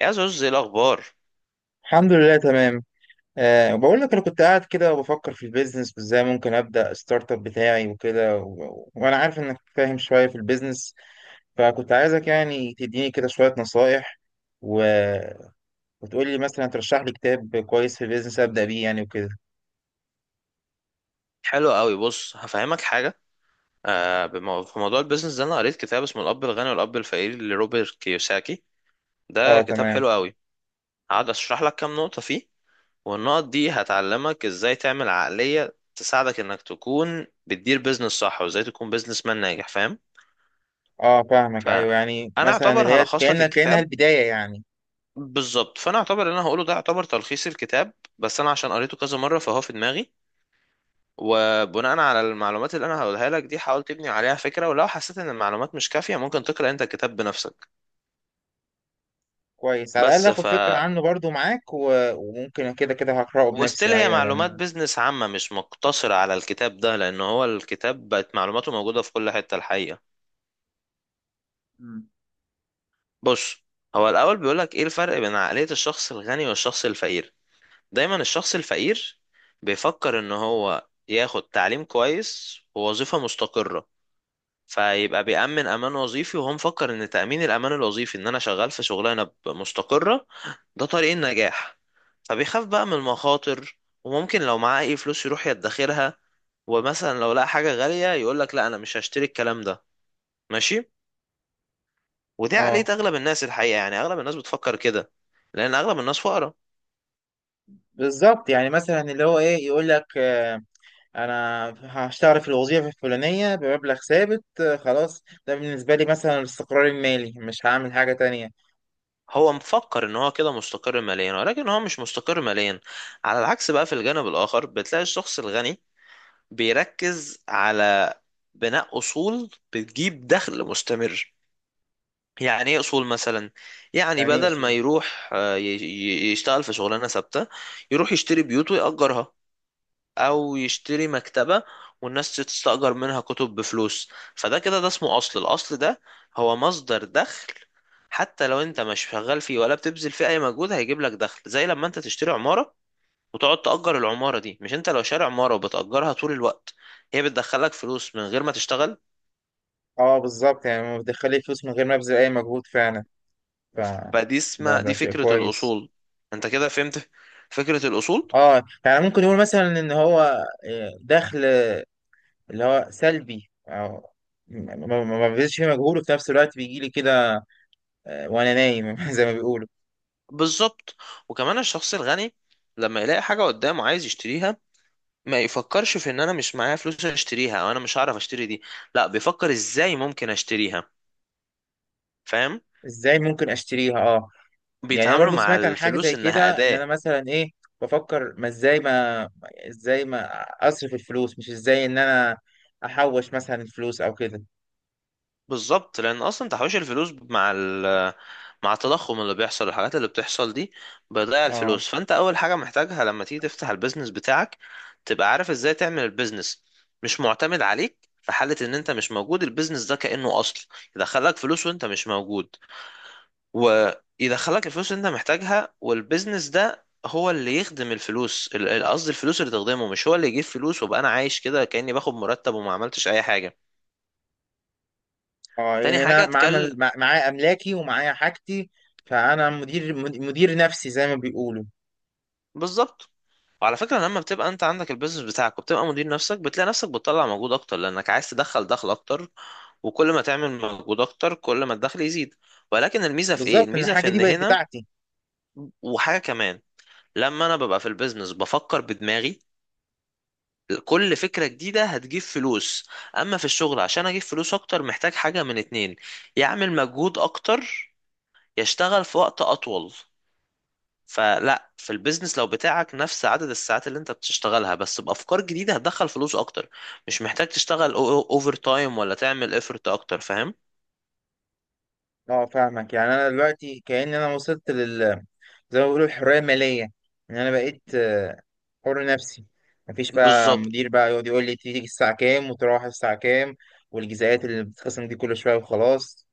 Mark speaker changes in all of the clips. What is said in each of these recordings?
Speaker 1: يا زوز، ايه الاخبار؟
Speaker 2: الحمد لله تمام. أه، بقول لك انا كنت قاعد كده وبفكر في البيزنس وازاي ممكن ابدا ستارت اب بتاعي وكده وانا عارف انك فاهم شويه في البيزنس، فكنت عايزك يعني تديني كده شويه نصايح و... وتقول لي مثلا ترشح لي كتاب كويس في البيزنس ابدا بيه يعني وكده.
Speaker 1: حلو قوي. بص، هفهمك حاجه. في موضوع البيزنس ده انا قريت كتاب اسمه الاب الغني والاب الفقير لروبرت كيوساكي. ده
Speaker 2: اه
Speaker 1: كتاب
Speaker 2: تمام.
Speaker 1: حلو قوي. هقعد اشرح لك كام نقطه فيه، والنقط دي هتعلمك ازاي تعمل عقليه تساعدك انك تكون بتدير بيزنس صح، وازاي تكون بيزنس مان ناجح، فاهم؟
Speaker 2: اه، فاهمك. ايوه،
Speaker 1: فانا
Speaker 2: يعني مثلا
Speaker 1: اعتبر
Speaker 2: اللي هي
Speaker 1: هلخص لك
Speaker 2: كانها
Speaker 1: الكتاب.
Speaker 2: البدايه يعني.
Speaker 1: بالظبط، فانا اعتبر اللي انا هقوله ده يعتبر تلخيص الكتاب، بس انا عشان قريته كذا مره فهو في دماغي. وبناء على المعلومات اللي انا هقولها لك دي، حاول تبني عليها فكرة، ولو حسيت ان المعلومات مش كافية ممكن تقرأ انت الكتاب بنفسك.
Speaker 2: كويس، على الاقل
Speaker 1: بس
Speaker 2: اخد
Speaker 1: ف
Speaker 2: فكره عنه برضو معاك، وممكن كده كده هقراه
Speaker 1: وستيل
Speaker 2: بنفسي.
Speaker 1: هي
Speaker 2: ايوه
Speaker 1: معلومات
Speaker 2: لان
Speaker 1: بيزنس عامة مش مقتصرة على الكتاب ده، لان هو الكتاب بقت معلوماته موجودة في كل حتة الحقيقة.
Speaker 2: مم.
Speaker 1: بص، هو الاول بيقولك ايه الفرق بين عقلية الشخص الغني والشخص الفقير. دايما الشخص الفقير بيفكر ان هو ياخد تعليم كويس ووظيفة مستقرة، فيبقى بيأمن أمان وظيفي، وهو مفكر إن تأمين الأمان الوظيفي إن أنا شغال في شغلانة مستقرة، ده طريق النجاح. فبيخاف بقى من المخاطر، وممكن لو معاه أي فلوس يروح يدخرها، ومثلا لو لقى حاجة غالية يقولك لا أنا مش هشتري الكلام ده، ماشي. ودي عقلية
Speaker 2: اه
Speaker 1: أغلب الناس الحقيقة، يعني أغلب الناس بتفكر كده، لأن أغلب الناس فقراء.
Speaker 2: بالظبط، يعني مثلا اللي هو ايه، يقول لك آه، انا هشتغل في الوظيفه الفلانيه بمبلغ ثابت آه، خلاص ده بالنسبه لي مثلا الاستقرار المالي، مش هعمل حاجه تانية.
Speaker 1: هو مفكر ان هو كده مستقر ماليا، ولكن هو مش مستقر ماليا. على العكس بقى، في الجانب الاخر بتلاقي الشخص الغني بيركز على بناء أصول بتجيب دخل مستمر. يعني ايه اصول مثلا؟ يعني
Speaker 2: يعني ايه
Speaker 1: بدل ما
Speaker 2: اصول؟
Speaker 1: يروح يشتغل في شغلانه ثابته، يروح يشتري بيوت ويأجرها، او يشتري مكتبه والناس تستأجر منها كتب بفلوس. فده كده ده اسمه اصل. الاصل ده هو مصدر دخل، حتى لو انت مش شغال فيه ولا بتبذل فيه اي مجهود هيجيب لك دخل، زي لما انت تشتري عمارة وتقعد تأجر العمارة دي. مش انت لو شاري عمارة وبتأجرها طول الوقت هي بتدخلك فلوس من غير ما تشتغل؟
Speaker 2: اه بالظبط، يعني ما بتدخلي فلوس من غير ما ابذل اي مجهود فعلا. ف
Speaker 1: فدي
Speaker 2: ده
Speaker 1: اسمها،
Speaker 2: ده
Speaker 1: دي
Speaker 2: شيء
Speaker 1: فكرة
Speaker 2: كويس.
Speaker 1: الأصول. انت كده فهمت فكرة الأصول.
Speaker 2: اه يعني ممكن يقول مثلا ان هو آه، دخل اللي هو سلبي، او ما ببذلش فيه مجهود، وفي نفس الوقت بيجي لي كده آه، وانا نايم زي ما بيقولوا.
Speaker 1: بالظبط. وكمان الشخص الغني لما يلاقي حاجة قدامه عايز يشتريها ما يفكرش في ان انا مش معايا فلوس اشتريها او انا مش هعرف اشتري دي، لا، بيفكر ازاي ممكن اشتريها، فاهم؟
Speaker 2: ازاي ممكن اشتريها؟ اه يعني انا
Speaker 1: بيتعاملوا
Speaker 2: برضو
Speaker 1: مع
Speaker 2: سمعت عن حاجه
Speaker 1: الفلوس
Speaker 2: زي
Speaker 1: انها
Speaker 2: كده، ان
Speaker 1: أداة.
Speaker 2: انا مثلا ايه، بفكر ما ازاي ما ازاي ما اصرف الفلوس، مش ازاي ان انا احوش مثلا الفلوس او كده.
Speaker 1: بالظبط، لان اصلا تحويش الفلوس مع التضخم اللي بيحصل، الحاجات اللي بتحصل دي بتضيع
Speaker 2: اه.
Speaker 1: الفلوس. فانت اول حاجه محتاجها لما تيجي تفتح البيزنس بتاعك تبقى عارف ازاي تعمل البيزنس، مش معتمد عليك. في حاله ان انت مش موجود البيزنس ده كانه اصل يدخلك فلوس وانت مش موجود، ويدخلك الفلوس اللي انت محتاجها. والبيزنس ده هو اللي يخدم الفلوس، قصدي الفلوس اللي تخدمه، مش هو اللي يجيب فلوس وابقى انا عايش كده كاني باخد مرتب وما عملتش اي حاجه.
Speaker 2: اه
Speaker 1: تاني
Speaker 2: يعني
Speaker 1: حاجه
Speaker 2: انا معايا
Speaker 1: اتكلم.
Speaker 2: معايا املاكي ومعايا حاجتي، فانا مدير نفسي زي ما بيقولوا.
Speaker 1: بالظبط. وعلى فكرة لما بتبقى انت عندك البيزنس بتاعك وبتبقى مدير نفسك، بتلاقي نفسك بتطلع مجهود اكتر لانك عايز تدخل دخل اكتر، وكل ما تعمل مجهود اكتر كل ما الدخل يزيد. ولكن الميزة في ايه؟
Speaker 2: بالظبط، ان
Speaker 1: الميزة في
Speaker 2: الحاجه
Speaker 1: ان
Speaker 2: دي بقت
Speaker 1: هنا
Speaker 2: بتاعتي.
Speaker 1: وحاجة كمان، لما انا ببقى في البيزنس بفكر بدماغي كل فكرة جديدة هتجيب فلوس. اما في الشغل، عشان اجيب فلوس اكتر محتاج حاجة من اتنين: يعمل مجهود اكتر، يشتغل في وقت اطول. فلا، في البيزنس لو بتاعك نفس عدد الساعات اللي انت بتشتغلها بس بافكار جديده هتدخل فلوس اكتر، مش محتاج تشتغل اوفر تايم ولا تعمل افورت اكتر، فاهم؟
Speaker 2: اه فاهمك، يعني انا دلوقتي كأن انا وصلت لل، زي ما بيقولوا، الحرية المالية. ان انا بقيت آه، حر نفسي. مفيش بقى
Speaker 1: بالظبط.
Speaker 2: مدير بقى يقعد يقول لي تيجي الساعة كام وتروح الساعة كام، والجزئيات اللي بتتخصم دي كل شوية، وخلاص.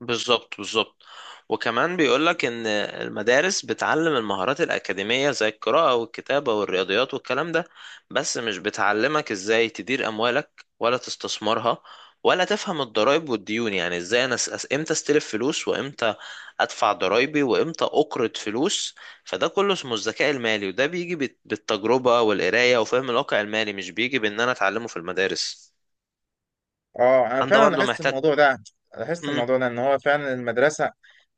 Speaker 1: بالظبط. بالظبط. وكمان بيقولك ان المدارس بتعلم المهارات الاكاديميه زي القراءه والكتابه والرياضيات والكلام ده، بس مش بتعلمك ازاي تدير اموالك ولا تستثمرها، ولا تفهم الضرائب والديون. يعني ازاي انا امتى استلف فلوس، وامتى ادفع ضرائبي، وامتى اقرض فلوس. فده كله اسمه الذكاء المالي، وده بيجي بالتجربه والقرايه وفهم الواقع المالي، مش بيجي بان انا اتعلمه في المدارس.
Speaker 2: اه انا
Speaker 1: انت
Speaker 2: فعلا
Speaker 1: برضو
Speaker 2: لاحظت
Speaker 1: محتاج.
Speaker 2: الموضوع ده. ان هو فعلا المدرسة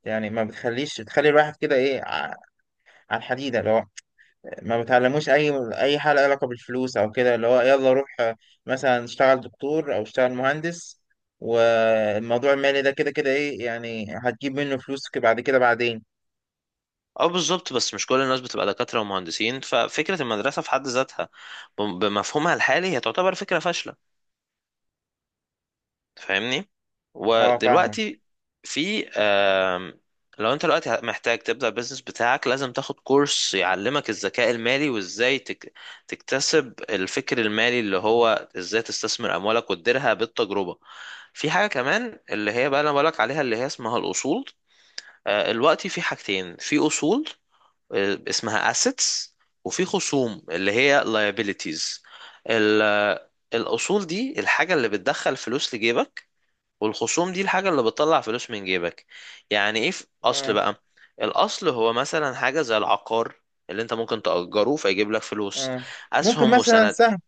Speaker 2: يعني ما بتخليش بتخلي الواحد كده ايه على الحديدة، لو ما بتعلموش اي حاجه لها علاقه بالفلوس او كده، اللي هو يلا روح آه، مثلا اشتغل دكتور او اشتغل مهندس، والموضوع المالي ده كده كده ايه يعني هتجيب منه فلوس بعد كده بعدين.
Speaker 1: اه، بالظبط، بس مش كل الناس بتبقى دكاترة ومهندسين. ففكرة المدرسة في حد ذاتها بمفهومها الحالي هي تعتبر فكرة فاشلة، فاهمني؟
Speaker 2: اه فاهمك.
Speaker 1: ودلوقتي في آم، لو انت دلوقتي محتاج تبدأ البيزنس بتاعك لازم تاخد كورس يعلمك الذكاء المالي، وازاي تكتسب الفكر المالي، اللي هو ازاي تستثمر اموالك وتديرها بالتجربة. في حاجة كمان اللي هي بقى انا بقولك عليها اللي هي اسمها الاصول. دلوقتي في حاجتين: في اصول اسمها assets، وفي خصوم اللي هي liabilities. ال- الأصول دي الحاجة اللي بتدخل فلوس لجيبك، والخصوم دي الحاجة اللي بتطلع فلوس من جيبك. يعني ايه في أصل
Speaker 2: اه،
Speaker 1: بقى؟ الأصل هو مثلا حاجة زي العقار اللي انت ممكن تأجره فيجيب لك فلوس.
Speaker 2: اه ممكن
Speaker 1: أسهم
Speaker 2: مثلا
Speaker 1: وسند.
Speaker 2: سهم،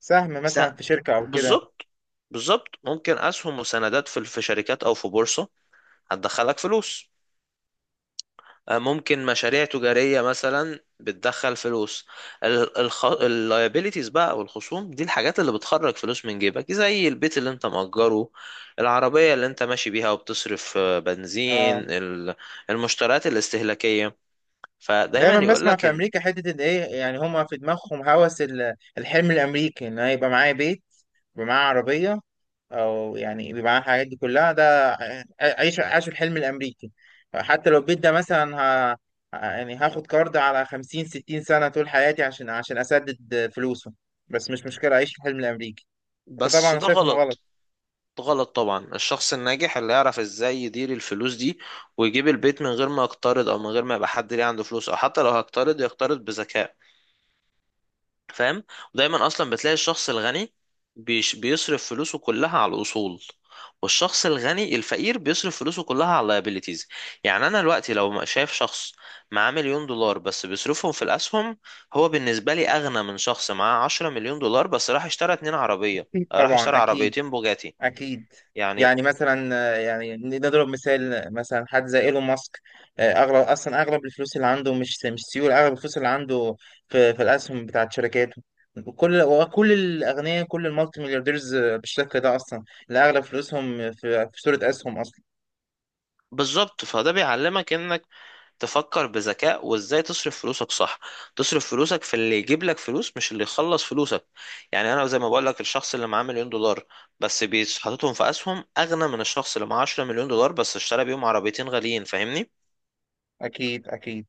Speaker 1: س-
Speaker 2: مثلا في شركه او كده.
Speaker 1: بالظبط. بالظبط. ممكن أسهم وسندات في شركات أو في بورصة، هتدخلك فلوس. ممكن مشاريع تجارية مثلا بتدخل فلوس. اللايبيليتيز بقى او الخصوم دي الحاجات اللي بتخرج فلوس من جيبك، زي البيت اللي انت مأجره، العربية اللي انت ماشي بيها وبتصرف بنزين،
Speaker 2: اه،
Speaker 1: المشتريات الاستهلاكية. فدايما
Speaker 2: دايما بسمع
Speaker 1: يقولك
Speaker 2: في امريكا حته، ان ايه يعني هما في دماغهم هوس الحلم الامريكي، ان أنا يبقى معايا بيت، يبقى معايا عربيه، او يعني يبقى معايا الحاجات دي كلها، ده عيش، عاش الحلم الامريكي. حتى لو البيت ده مثلا ه... يعني هاخد كارد على 50 60 سنه طول حياتي عشان اسدد فلوسه، بس مش مشكله، اعيش الحلم الامريكي. انت
Speaker 1: بس
Speaker 2: طبعا
Speaker 1: ده
Speaker 2: شايف انه غلط.
Speaker 1: غلط. ده غلط طبعا. الشخص الناجح اللي يعرف ازاي يدير الفلوس دي ويجيب البيت من غير ما يقترض، او من غير ما يبقى حد ليه عنده فلوس، او حتى لو هيقترض يقترض بذكاء، فاهم؟ ودايما اصلا بتلاقي الشخص الغني بيصرف فلوسه كلها على الاصول، والشخص الغني الفقير بيصرف فلوسه كلها على اللايبيليتيز. يعني انا دلوقتي لو شايف شخص معاه مليون دولار بس بيصرفهم في الاسهم، هو بالنسبه لي اغنى من شخص معاه 10 مليون دولار بس راح اشترى اتنين عربيه، راح
Speaker 2: طبعا
Speaker 1: اشترى
Speaker 2: اكيد.
Speaker 1: عربيتين بوجاتي.
Speaker 2: أكيد.
Speaker 1: يعني
Speaker 2: يعني مثلا آه، يعني نضرب مثال مثلا حد زي إيلون ماسك، آه، أغلب، أصلا أغلب الفلوس اللي عنده مش سيولة، أغلب الفلوس اللي عنده في, الأسهم بتاعت شركاته. كل وكل الأغنياء، كل المالتي مليارديرز آه، بالشكل ده أصلا، اللي أغلب فلوسهم في, صورة أسهم أصلا.
Speaker 1: بالظبط. فده بيعلمك انك تفكر بذكاء وازاي تصرف فلوسك صح. تصرف فلوسك في اللي يجيب لك فلوس، مش اللي يخلص فلوسك. يعني انا زي ما بقول لك الشخص اللي معاه مليون دولار بس حاططهم في اسهم اغنى من الشخص اللي معاه 10 مليون دولار بس اشترى بيهم عربيتين غاليين، فاهمني؟
Speaker 2: أكيد أكيد.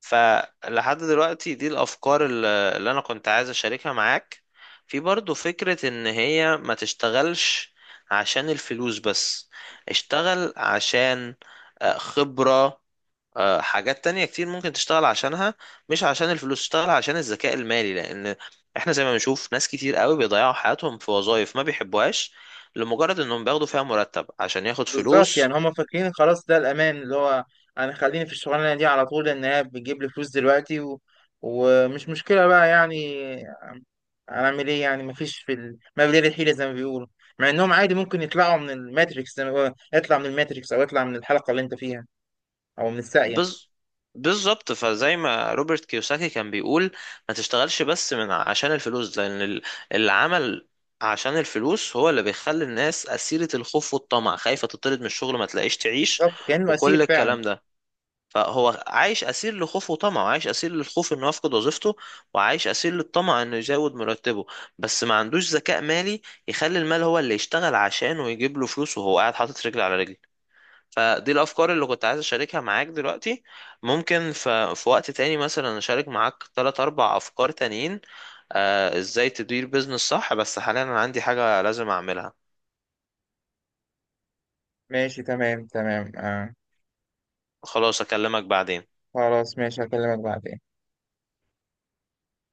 Speaker 1: فلحد دلوقتي دي الافكار اللي انا كنت عايز اشاركها معاك. في برضو فكرة ان هي ما تشتغلش عشان الفلوس بس، اشتغل عشان خبرة، حاجات تانية كتير ممكن تشتغل عشانها، مش عشان الفلوس. تشتغل عشان الذكاء المالي، لأن احنا زي ما بنشوف ناس كتير قوي بيضيعوا حياتهم في وظائف ما بيحبوهاش لمجرد انهم بياخدوا فيها مرتب عشان ياخد
Speaker 2: بالظبط،
Speaker 1: فلوس.
Speaker 2: يعني هما فاكرين خلاص ده الأمان اللي هو، أنا خليني في الشغلانة دي على طول لأن هي بتجيب لي فلوس دلوقتي ومش مشكلة بقى يعني. هنعمل ايه يعني، مفيش في ما بين الحيلة زي ما بيقولوا، مع انهم عادي ممكن يطلعوا من الماتريكس زي ما بيقولوا، اطلع من الماتريكس او اطلع من الحلقة اللي انت فيها او من الساقية.
Speaker 1: بز... بالظبط. فزي ما روبرت كيوساكي كان بيقول، ما تشتغلش بس من عشان الفلوس، لأن العمل عشان الفلوس هو اللي بيخلي الناس أسيرة الخوف والطمع، خايفة تطرد من الشغل ما تلاقيش تعيش،
Speaker 2: بالظبط، كأنه
Speaker 1: وكل
Speaker 2: اسير فعلا.
Speaker 1: الكلام ده. فهو عايش اسير لخوفه وطمعه، عايش اسير للخوف انه يفقد وظيفته، وعايش اسير للطمع انه يزود مرتبه، بس ما عندوش ذكاء مالي يخلي المال هو اللي يشتغل عشانه ويجيب له فلوس وهو قاعد حاطط رجل على رجل. فدي الافكار اللي كنت عايز اشاركها معاك دلوقتي. ممكن في وقت تاني مثلا اشارك معاك تلات اربع افكار تانيين، ازاي تدير بيزنس صح، بس حاليا انا عندي حاجة لازم اعملها.
Speaker 2: ماشي تمام تمام آه.
Speaker 1: خلاص اكلمك بعدين.
Speaker 2: خلاص، ماشي، هكلمك بعدين.